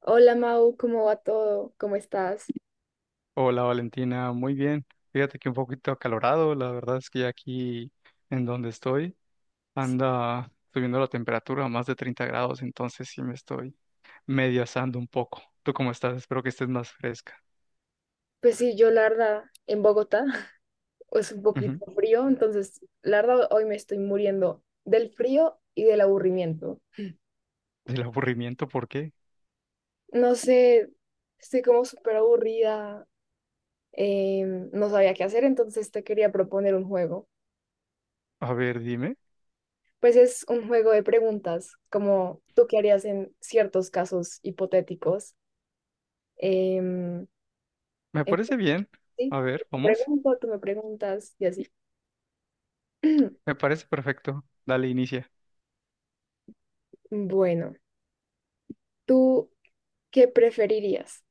Hola Mau, ¿cómo va todo? ¿Cómo estás? Hola Valentina, muy bien. Fíjate que un poquito acalorado, la verdad es que ya aquí en donde estoy anda subiendo la temperatura a más de 30 grados, entonces sí me estoy medio asando un poco. ¿Tú cómo estás? Espero que estés más fresca. Pues sí, yo la verdad, en Bogotá es un poquito Ujú. frío, entonces la verdad hoy me estoy muriendo del frío y del aburrimiento. ¿Del aburrimiento por qué? No sé, estoy como súper aburrida, eh, no sabía qué hacer, entonces te quería proponer un juego. A ver, dime. Pues es un juego de preguntas, como tú qué harías en ciertos casos hipotéticos. Em, Me entonces, parece bien. A sí, ver, te vamos. pregunto, tú me preguntas y así. Me parece perfecto. Dale, inicia. Bueno. ¿Tú qué preferirías?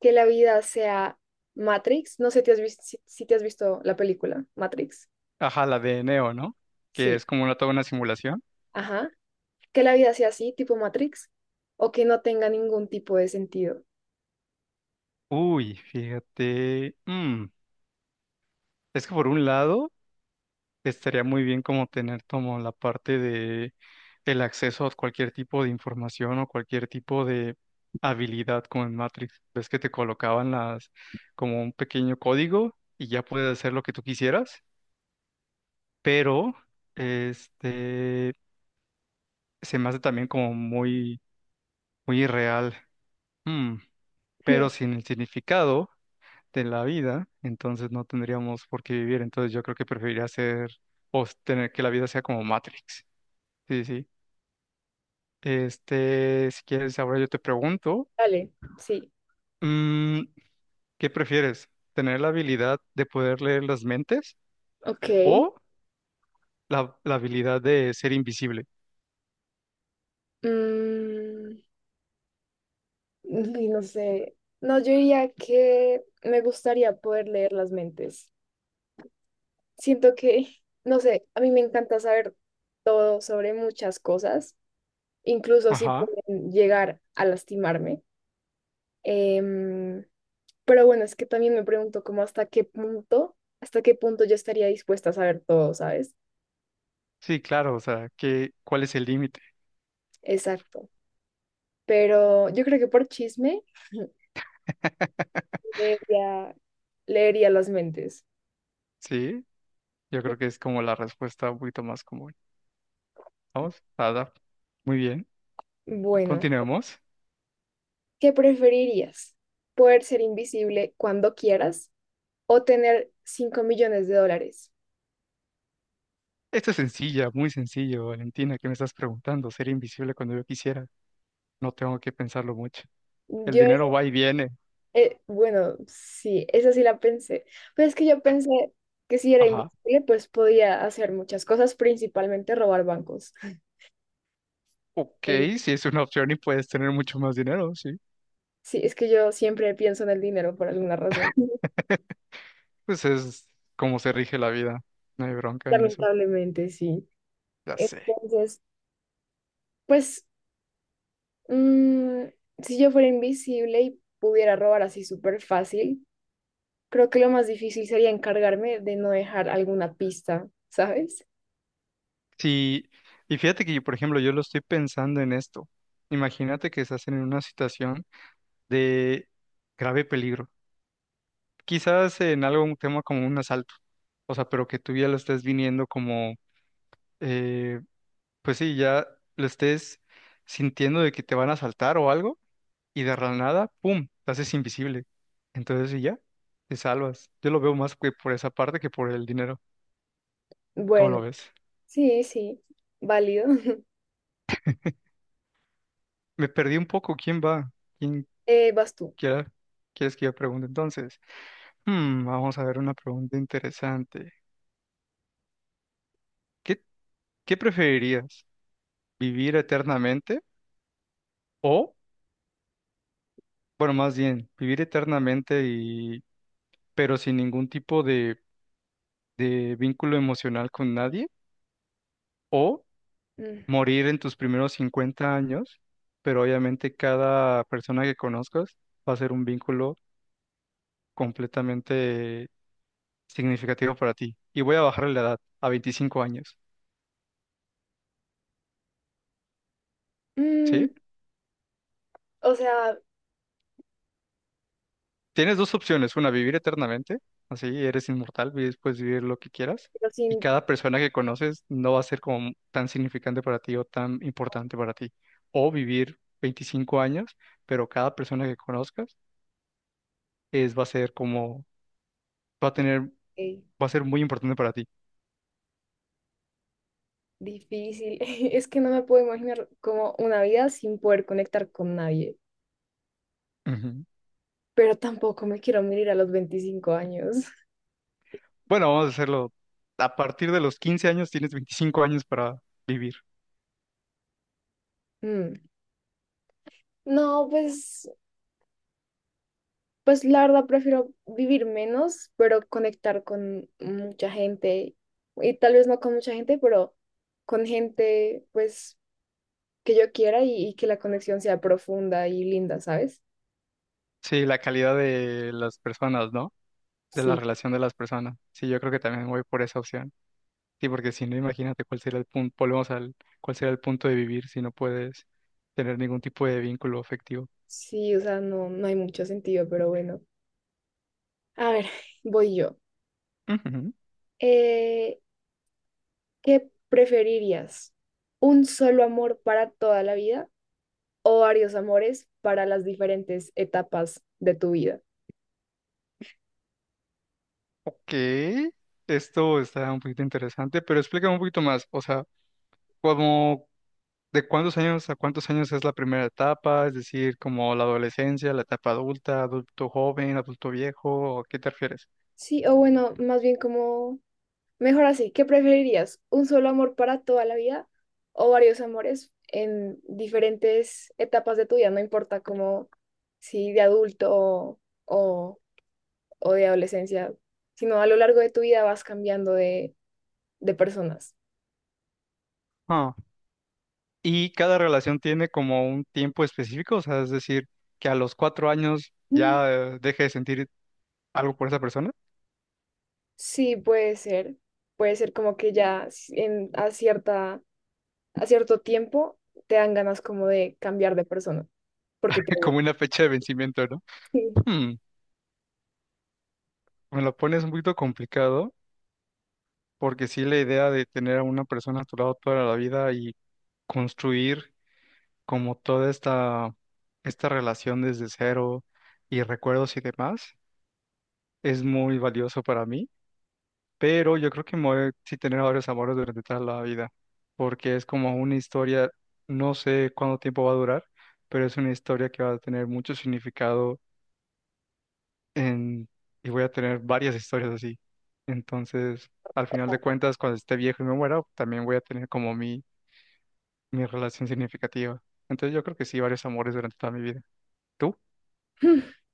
¿Que la vida sea Matrix? No sé te has si, si te has visto la película Matrix. Ajá, la de Neo, ¿no? Que Sí, es como toda una simulación. ajá. ¿Que la vida sea así, tipo Matrix? ¿O que no tenga ningún tipo de sentido? Uy, fíjate. Es que por un lado, estaría muy bien como tener como la parte de el acceso a cualquier tipo de información o cualquier tipo de habilidad como en Matrix. Ves que te colocaban las como un pequeño código y ya puedes hacer lo que tú quisieras, pero este se me hace también como muy muy irreal. Mm, Hmm, pero sin el significado de la vida, entonces no tendríamos por qué vivir. Entonces yo creo que preferiría hacer o tener que la vida sea como Matrix. Sí, sí. Si quieres, ahora yo te pregunto, dale, sí. mm, ¿qué prefieres? ¿Tener la habilidad de poder leer las mentes Ok. o la habilidad de ser invisible? Mm, y no sé. No, yo diría que me gustaría poder leer las mentes. Siento que, no sé, a mí me encanta saber todo sobre muchas cosas incluso sí Ajá. pueden llegar a lastimarme. Em, pero bueno, es que también me pregunto como hasta qué punto yo estaría dispuesta a saber todo, ¿sabes? Sí, claro, o sea, ¿qué, cuál es el límite? Exacto. Pero yo creo que por chisme leería, leería las mentes. Sí, yo creo que es como la respuesta un poquito más común. Vamos, nada, muy bien. Bueno, Continuemos. ¿qué preferirías? ¿Poder ser invisible cuando quieras o tener $5 millones? Esto es sencilla, muy sencillo, Valentina, ¿qué me estás preguntando? Ser invisible cuando yo quisiera. No tengo que pensarlo mucho. El Yo dinero va y viene. Bueno, sí, esa sí la pensé. Pero es que yo pensé que si era Ajá. invisible, pues podía hacer muchas cosas, principalmente robar bancos. Ok, Eh, sí es una opción y puedes tener mucho más dinero, sí. sí, es que yo siempre pienso en el dinero por alguna razón. Pues es como se rige la vida. No hay bronca en eso. Lamentablemente, sí. Ya sé. Entonces, pues, mm, si yo fuera invisible y pudiera robar así súper fácil, creo que lo más difícil sería encargarme de no dejar alguna pista, ¿sabes? Sí, y fíjate que yo, por ejemplo, yo lo estoy pensando en esto. Imagínate que estás en una situación de grave peligro. Quizás en algún tema como un asalto. O sea, pero que tú ya lo estés viniendo como, eh, pues sí, ya lo estés sintiendo de que te van a asaltar o algo y de la nada, ¡pum!, te haces invisible. Entonces, y ya, te salvas. Yo lo veo más que por esa parte que por el dinero. ¿Cómo Bueno, lo ves? sí, sí, válido. Me perdí un poco. ¿Quién va? ¿Quién vas tú. quiera? ¿Quieres que yo pregunte entonces? Hmm, vamos a ver una pregunta interesante. ¿Qué, qué preferirías? ¿Vivir eternamente? O, bueno, más bien, vivir eternamente pero sin ningún tipo de vínculo emocional con nadie. O morir en tus primeros 50 años, pero obviamente cada persona que conozcas va a ser un vínculo completamente significativo para ti. Y voy a bajarle la edad a 25 años, Mm, ¿sí? o sea, Tienes dos opciones, una, vivir eternamente, así eres inmortal, vives puedes vivir lo que quieras, pero y sin cada persona que conoces no va a ser como tan significante para ti o tan importante para ti. O vivir 25 años, pero cada persona que conozcas es, va a ser como, va a tener, eh, va a ser muy importante para ti. difícil. Es que no me puedo imaginar como una vida sin poder conectar con nadie. Ujú. Pero tampoco me quiero morir a los 25 años. Bueno, vamos a hacerlo. A partir de los 15 años tienes 25 años para vivir. Mm. No, pues, pues la verdad prefiero vivir menos, pero conectar con mucha gente. Y tal vez no con mucha gente, pero con gente, pues, que yo quiera y que la conexión sea profunda y linda, ¿sabes? Sí, la calidad de las personas, ¿no? De la Sí, relación de las personas. Sí, yo creo que también voy por esa opción. Sí, porque si no, imagínate cuál sería el punto, volvemos al, cuál sería el punto de vivir si no puedes tener ningún tipo de vínculo afectivo. sí, o sea, no, no hay mucho sentido, pero bueno. A ver, voy yo. Ujú. Eh, ¿Qué preferirías? ¿Un solo amor para toda la vida o varios amores para las diferentes etapas de tu vida? Ok, esto está un poquito interesante, pero explícame un poquito más. O sea, ¿cómo, ¿De cuántos años a cuántos años es la primera etapa? Es decir, como la adolescencia, la etapa adulta, adulto joven, adulto viejo, ¿a qué te refieres? Sí, o bueno, más bien como, mejor así, ¿qué preferirías? ¿Un solo amor para toda la vida o varios amores en diferentes etapas de tu vida? No importa como si de adulto o, o de adolescencia, sino a lo largo de tu vida vas cambiando de personas. Ah, y cada relación tiene como un tiempo específico, o sea, es decir, que a los 4 años ya deje de sentir algo por esa persona, Sí, puede ser. Puede ser como que ya en, a cierta, a cierto tiempo te dan ganas como de cambiar de persona, porque te aburre. como una fecha de vencimiento, ¿no? Sí. Hmm, me lo pones un poquito complicado, porque sí la idea de tener a una persona a tu lado toda la vida y construir como toda esta relación desde cero y recuerdos y demás, es muy valioso para mí, pero yo creo que me voy a sí tener varios amores durante toda la vida, porque es como una historia, no sé cuánto tiempo va a durar, pero es una historia que va a tener mucho significado en, y voy a tener varias historias así. Entonces, al final de cuentas, cuando esté viejo y me muera, también voy a tener como mi relación significativa. Entonces yo creo que sí, varios amores durante toda mi vida. ¿Tú?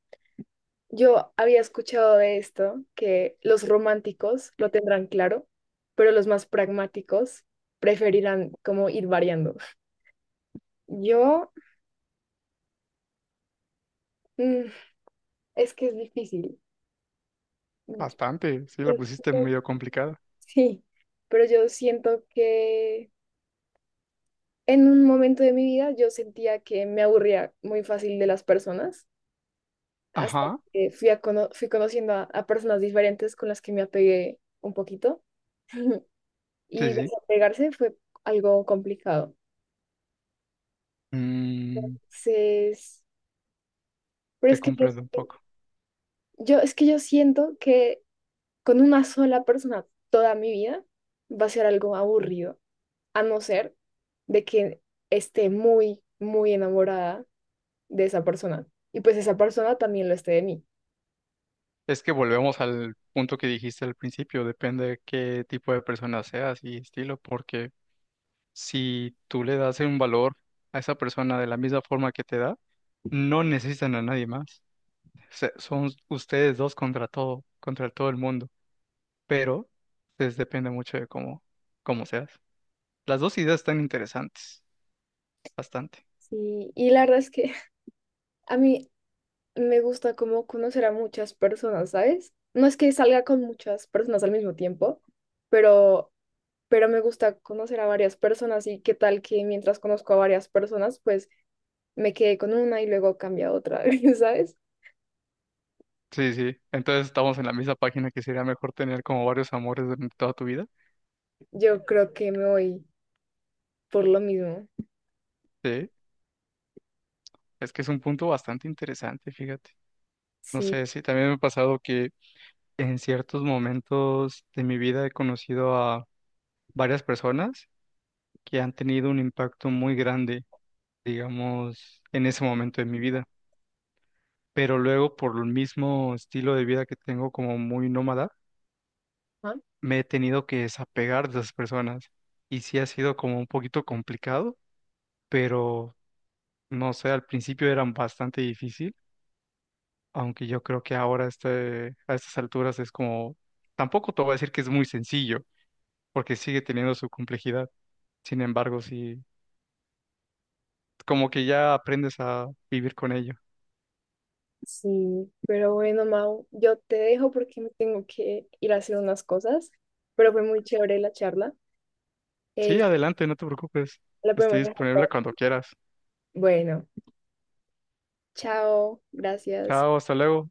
Yo había escuchado de esto, que los románticos lo tendrán claro, pero los más pragmáticos preferirán como ir variando. Yo, mm, es que es difícil. Mm, Bastante, sí, la pusiste medio complicada. Sí, pero yo siento que en un momento de mi vida yo sentía que me aburría muy fácil de las personas, hasta Ajá, que fui, a fui conociendo a personas diferentes con las que me apegué un poquito sí, y sí. desapegarse fue algo complicado. Mm, Entonces, pero te es que yo, comprendo un poco. Es que yo siento que con una sola persona toda mi vida va a ser algo aburrido, a no ser de que esté muy, muy enamorada de esa persona y pues esa persona también lo esté de mí. Es que volvemos al punto que dijiste al principio, depende de qué tipo de persona seas y estilo, porque si tú le das un valor a esa persona de la misma forma que te da, no necesitan a nadie más. Son ustedes dos contra todo el mundo, pero pues, depende mucho de cómo seas. Las dos ideas están interesantes, bastante. Sí, y la verdad es que a mí me gusta como conocer a muchas personas, ¿sabes? No es que salga con muchas personas al mismo tiempo, pero, pero me gusta conocer a varias personas y qué tal que mientras conozco a varias personas, pues me quedé con una y luego cambia a otra, ¿sabes? Sí, sí. Entonces estamos en la misma página que sería mejor tener como varios amores durante toda tu vida. Yo creo que me voy por lo mismo. Sí, es que es un punto bastante interesante, fíjate. No Sí, sé, sí, también me ha pasado que en ciertos momentos de mi vida he conocido a varias personas que han tenido un impacto muy grande, digamos, en ese momento de mi vida. Pero luego, por el mismo estilo de vida que tengo como muy nómada, ¿no? me he tenido que desapegar de esas personas. Y sí ha sido como un poquito complicado, pero no sé, al principio eran bastante difícil, aunque yo creo que ahora este, a estas alturas es como, tampoco te voy a decir que es muy sencillo, porque sigue teniendo su complejidad. Sin embargo, sí, como que ya aprendes a vivir con ello. Sí, pero bueno, Mau, yo te dejo porque me tengo que ir a hacer unas cosas, pero fue muy chévere la charla. Eh, Sí, adelante, no te preocupes. la Estoy podemos dejar. disponible cuando quieras. Bueno. Chao, gracias. Chao, hasta luego.